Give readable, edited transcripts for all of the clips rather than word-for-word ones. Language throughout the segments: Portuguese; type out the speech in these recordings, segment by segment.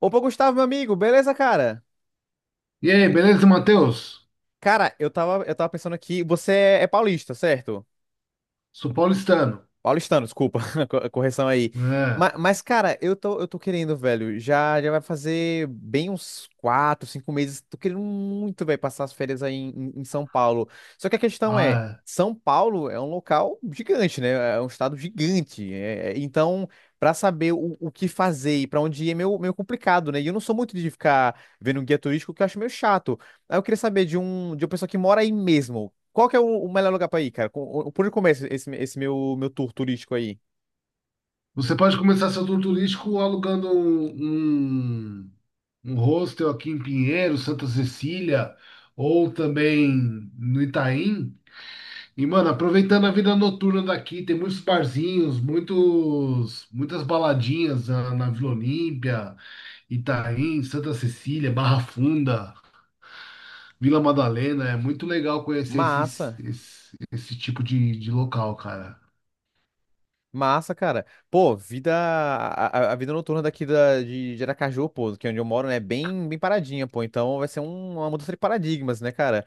Opa, Gustavo, meu amigo, beleza, cara? E aí, beleza, Matheus? Cara, eu tava pensando aqui, você é paulista, certo? Sou paulistano. Paulistano, desculpa, correção aí. É. Mas, cara, eu tô querendo, velho. Já vai fazer bem uns quatro, cinco meses. Tô querendo muito, velho, passar as férias aí em São Paulo. Só que a questão é, Ah, é. São Paulo é um local gigante, né? É um estado gigante. Então, pra saber o que fazer e pra onde ir é meio complicado, né? E eu não sou muito de ficar vendo um guia turístico, que eu acho meio chato. Aí eu queria saber de uma pessoa que mora aí mesmo. Qual que é o melhor lugar pra ir, cara? Por onde começa esse meu tour turístico aí? Você pode começar seu tour turístico alugando um hostel aqui em Pinheiros, Santa Cecília, ou também no Itaim. E, mano, aproveitando a vida noturna daqui, tem muitos barzinhos, muitas baladinhas na Vila Olímpia, Itaim, Santa Cecília, Barra Funda. Vila Madalena, é muito legal conhecer esses, Massa. esse, esse tipo de local, cara. Massa, cara. Pô, vida. A vida noturna daqui de Aracaju, pô, que é onde eu moro, né? É bem paradinha, pô. Então vai ser uma mudança de paradigmas, né, cara?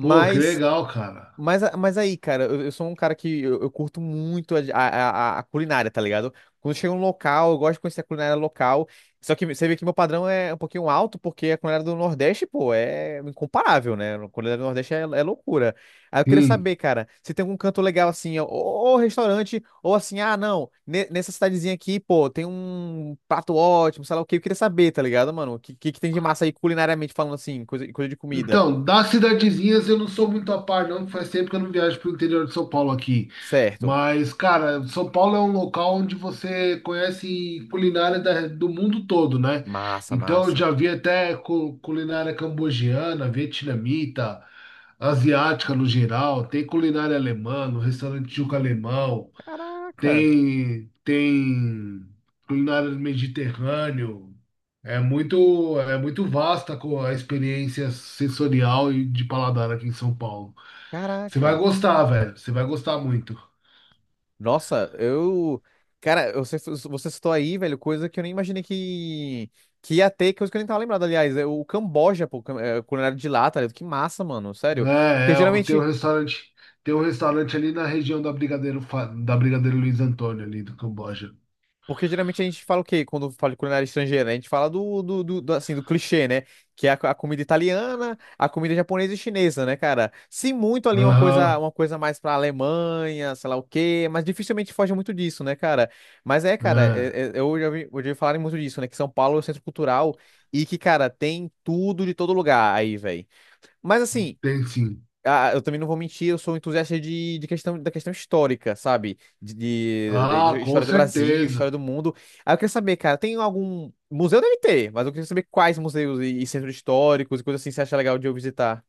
Pô, que legal, cara. Mas aí, cara, eu sou um cara que eu curto muito a culinária, tá ligado? Quando chega um local, eu gosto de conhecer a culinária local. Só que você vê que meu padrão é um pouquinho alto, porque a culinária do Nordeste, pô, é incomparável, né? A culinária do Nordeste é loucura. Aí eu queria Sim. saber, cara, se tem algum canto legal assim, ou restaurante, ou assim, ah, não, nessa cidadezinha aqui, pô, tem um prato ótimo, sei lá o quê. Eu queria saber, tá ligado, mano? O que tem de massa aí culinariamente falando assim, coisa de comida. Então, das cidadezinhas eu não sou muito a par, não, que faz tempo que eu não viajo pro interior de São Paulo aqui. Certo. Mas, cara, São Paulo é um local onde você conhece culinária do mundo todo, né? Massa, Então, eu massa. já vi até culinária cambogiana, vietnamita, asiática no geral, tem culinária alemã, no restaurante Juca Alemão. Caraca, Tem culinária do Mediterrâneo. É muito vasta a experiência sensorial e de paladar aqui em São Paulo. Você vai caraca. gostar, velho. Você vai gostar muito. Nossa, eu. Cara, você citou aí, velho, coisa que eu nem imaginei que ia ter, coisa que eu nem tava lembrado, aliás. É o Camboja, pô, culinária de lá, tá ligado? Que massa, mano, sério. Porque Tem um geralmente restaurante, ali na região da da Brigadeiro Luiz Antônio ali do Camboja. Porque geralmente a gente fala o quê? Quando fala de culinária estrangeira, né? A gente fala do, assim, do clichê, né? Que é a comida italiana, a comida japonesa e chinesa, né, cara? Se muito ali Aham, uma coisa mais pra Alemanha, sei lá o quê, mas dificilmente foge muito disso, né, cara? Mas é, cara, é, eu já ouvi, ouvi falarem muito disso, né? Que São Paulo é o centro cultural e que, cara, tem tudo de todo lugar aí, velho. Mas assim, tem sim. ah, eu também não vou mentir, eu sou um entusiasta de questão, da questão histórica, sabe? Ah, De com história do Brasil, certeza. história do mundo. Aí eu queria saber, cara, tem algum. Museu deve ter, mas eu queria saber quais museus e centros históricos e coisas assim você acha legal de eu visitar.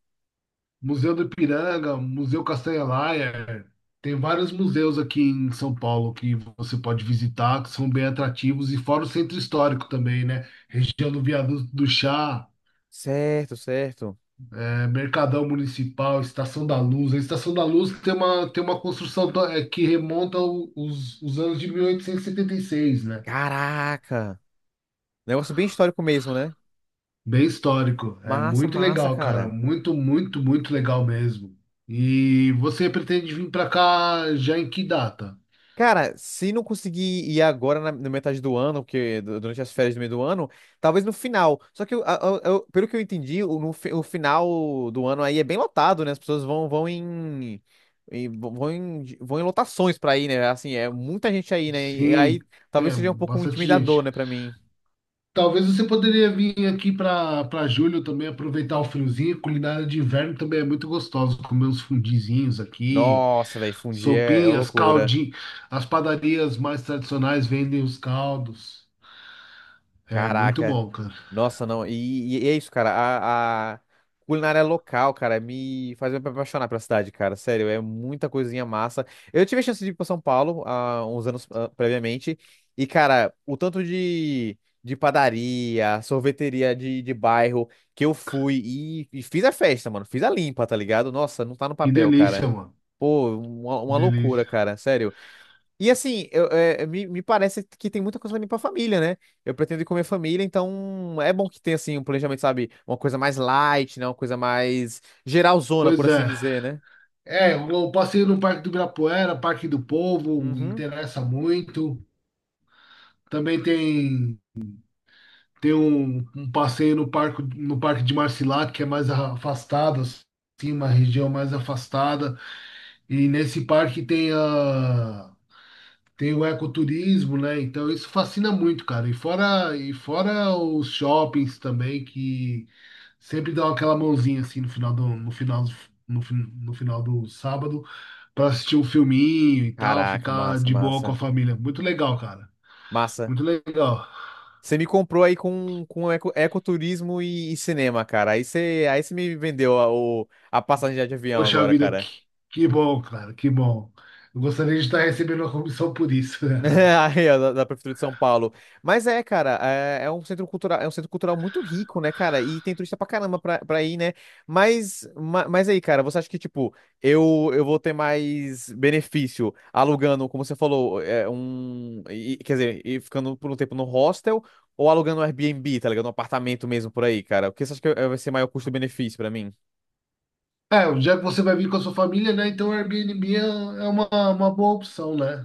Museu do Ipiranga, Museu Castanha Laia, tem vários museus aqui em São Paulo que você pode visitar, que são bem atrativos, e fora o centro histórico também, né? Região do Viaduto do Chá, Certo, certo. Mercadão Municipal, Estação da Luz. A Estação da Luz tem uma, construção que remonta os anos de 1876, né? Caraca! Negócio bem histórico mesmo, né? Bem histórico. É Massa, muito massa, legal, cara. cara. Muito, muito, muito legal mesmo. E você pretende vir para cá já em que data? Cara, se não conseguir ir agora na metade do ano, porque durante as férias do meio do ano, talvez no final. Só que, pelo que eu entendi, o, no fi- o final do ano aí é bem lotado, né? As pessoas vão, vão em, em- vão em, vão em lotações pra ir, né? Assim, é muita gente aí, né? E Sim, aí talvez é seja um pouco bastante intimidador, gente. né, pra mim. Talvez você poderia vir aqui para julho também aproveitar o friozinho. Culinária de inverno também é muito gostosa. Comer uns fundizinhos aqui, Nossa, velho, fundir é sopinhas, loucura. caldinho. As padarias mais tradicionais vendem os caldos. É muito Caraca. bom, cara. Nossa, não. E é isso, cara. A culinária local, cara, me faz me apaixonar pela cidade, cara. Sério, é muita coisinha massa. Eu tive a chance de ir pra São Paulo há uns anos ah, previamente. E, cara, o tanto de padaria, sorveteria de bairro que eu fui e fiz a festa, mano. Fiz a limpa, tá ligado? Nossa, não tá no Que papel, delícia, cara. mano. Pô, uma loucura, Delícia. cara. Sério. E assim, eu, me parece que tem muita coisa também pra família, né? Eu pretendo ir com a minha família, então é bom que tenha, assim, um planejamento, sabe? Uma coisa mais light, né? Uma coisa mais geralzona, Pois por assim é. dizer, né? É, o passeio no Parque do Ibirapuera, Parque do Povo, Uhum. interessa muito. Também tem Tem um passeio no parque, de Marcilac, que é mais afastado, assim, uma região mais afastada. E nesse parque tem a, tem o ecoturismo, né? Então isso fascina muito, cara. E fora os shoppings também, que sempre dão aquela mãozinha assim no final do sábado para assistir um filminho e tal, Caraca, ficar massa, de boa com a massa. família. Muito legal, cara. Massa. Muito legal. Você me comprou aí com ecoturismo e cinema, cara. Aí você me vendeu a passagem de avião Poxa agora, vida, cara. que, bom, cara, que bom. Eu gostaria de estar recebendo uma comissão por isso. Aí, ó, da Prefeitura de São Paulo. Mas é, cara, é, é um centro cultural, é um centro cultural muito rico, né, cara? E tem turista pra caramba pra ir, né? Mas, mas aí, cara, você acha que, tipo, eu vou ter mais benefício alugando, como você falou, quer dizer, e ficando por um tempo no hostel ou alugando um Airbnb, tá ligado? Um apartamento mesmo por aí, cara? O que você acha que vai ser maior custo-benefício pra mim? É, já que você vai vir com a sua família, né? Então o Airbnb é uma boa opção, né?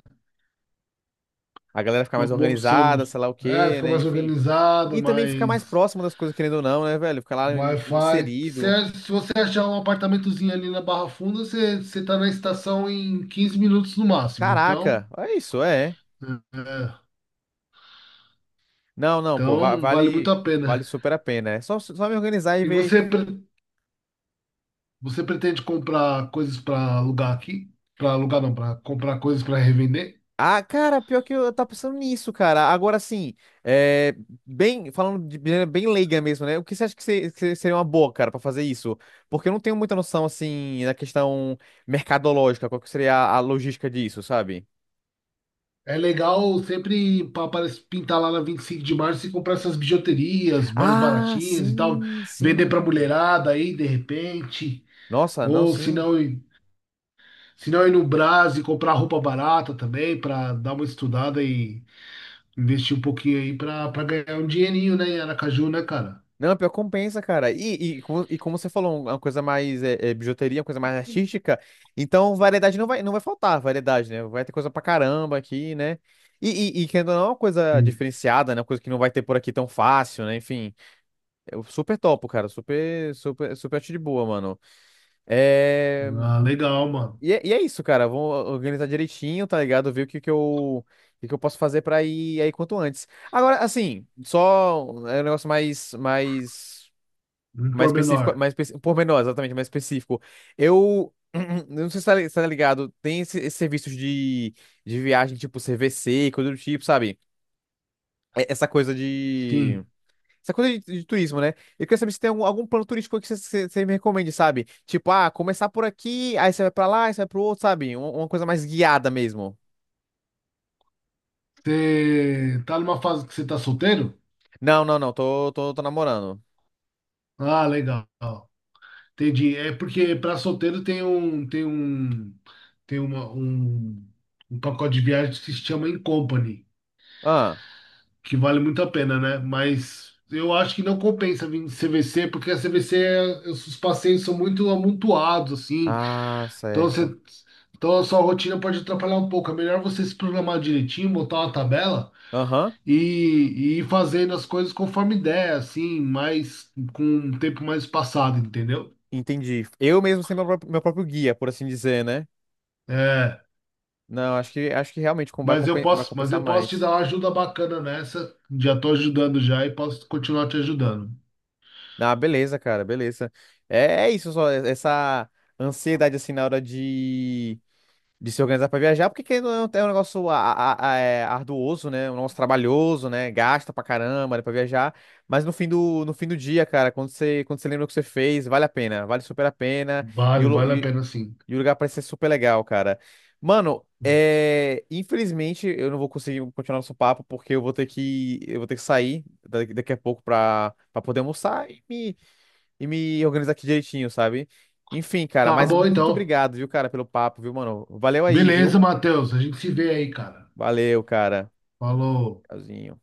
A galera ficar Uma mais boa opção. organizada, sei lá o É, quê, fica né? mais Enfim. organizado, E também ficar mais mais próximo das coisas, querendo ou não, né, velho? Ficar lá Wi-Fi. Inserido. Se você achar um apartamentozinho ali na Barra Funda, você tá na estação em 15 minutos no máximo. Então, Caraca, é isso, é. é, é, Não, não, pô, vale muito a vale pena. super a pena. É só me organizar e E ver. você pre- Você pretende comprar coisas para alugar aqui? Para alugar não, para comprar coisas para revender? Ah, cara, pior que eu tava pensando nisso, cara. Agora sim, é, bem, falando de maneira bem leiga mesmo, né? O que você acha que, que seria uma boa, cara, pra fazer isso? Porque eu não tenho muita noção, assim, da questão mercadológica, qual que seria a logística disso, sabe? É legal sempre parece pintar lá na 25 de março e comprar essas bijuterias mais Ah, baratinhas e tal, sim, vender para sim. mulherada aí de repente, Nossa, não, ou se sim. não, se não ir no Brás e comprar roupa barata também para dar uma estudada e investir um pouquinho aí para ganhar um dinheirinho, né, em Aracaju, né, cara? Não, pior que compensa, cara. E, e como você falou, uma coisa mais bijuteria, uma coisa mais artística, então variedade não vai faltar, variedade, né? Vai ter coisa pra caramba aqui, né? E querendo ou não, é uma coisa Sim. diferenciada, né? Uma coisa que não vai ter por aqui tão fácil, né? Enfim, eu super topo, cara. Super acho de boa, mano. É... Ah, legal, mano. E, e é isso, cara. Vou organizar direitinho, tá ligado? Ver o que que eu posso fazer pra ir aí quanto antes. Agora, assim, é um negócio mais, mais Um mais específico, pormenor. Pormenor, exatamente, mais específico. Eu, eu não sei se tá, se tá ligado, tem esses serviços de viagem, tipo CVC, coisa do tipo, sabe? E- Essa coisa de. Sim. Essa coisa de turismo, né? Eu queria saber se tem algum plano turístico que você me recomende, sabe? Tipo, ah, começar por aqui, aí você vai pra lá, aí você vai pro outro, sabe? Uma coisa mais guiada mesmo. Você tá numa fase que você tá solteiro? Não, tô namorando. Ah, legal. Entendi. É porque para solteiro tem um pacote de viagem que se chama In Company, Ah, que vale muito a pena, né? Mas eu acho que não compensa vir de CVC, porque a CVC os passeios são muito amontoados assim. ah, Então certo. você então a sua rotina pode atrapalhar um pouco. É melhor você se programar direitinho, botar uma tabela Aham, e fazendo as coisas conforme ideia, assim, mais com um tempo mais passado, entendeu? entendi. Eu mesmo ser meu próprio guia, por assim dizer, né? É, Não, acho que realmente vai mas compensar eu posso te dar mais. uma ajuda bacana nessa. Já tô ajudando já e posso continuar te ajudando. Ah, beleza, cara, beleza. É, é isso só, essa ansiedade assim na hora de se organizar pra viajar, porque querendo ou não é um negócio arduoso, né? Um negócio trabalhoso, né? Gasta pra caramba, né, pra viajar. Mas no fim do dia, cara, quando você lembra o que você fez, vale a pena, vale super a pena. Vale a pena sim. E o lugar parece ser super legal, cara. Mano, é... infelizmente eu não vou conseguir continuar nosso papo porque eu vou ter que eu vou ter que sair daqui a pouco pra, pra poder almoçar e me organizar aqui direitinho, sabe? Enfim, cara, Tá mas bom muito então. obrigado, viu, cara, pelo papo, viu, mano? Valeu aí, viu? Beleza, Matheus. A gente se vê aí, cara. Valeu, cara. Falou. Tchauzinho.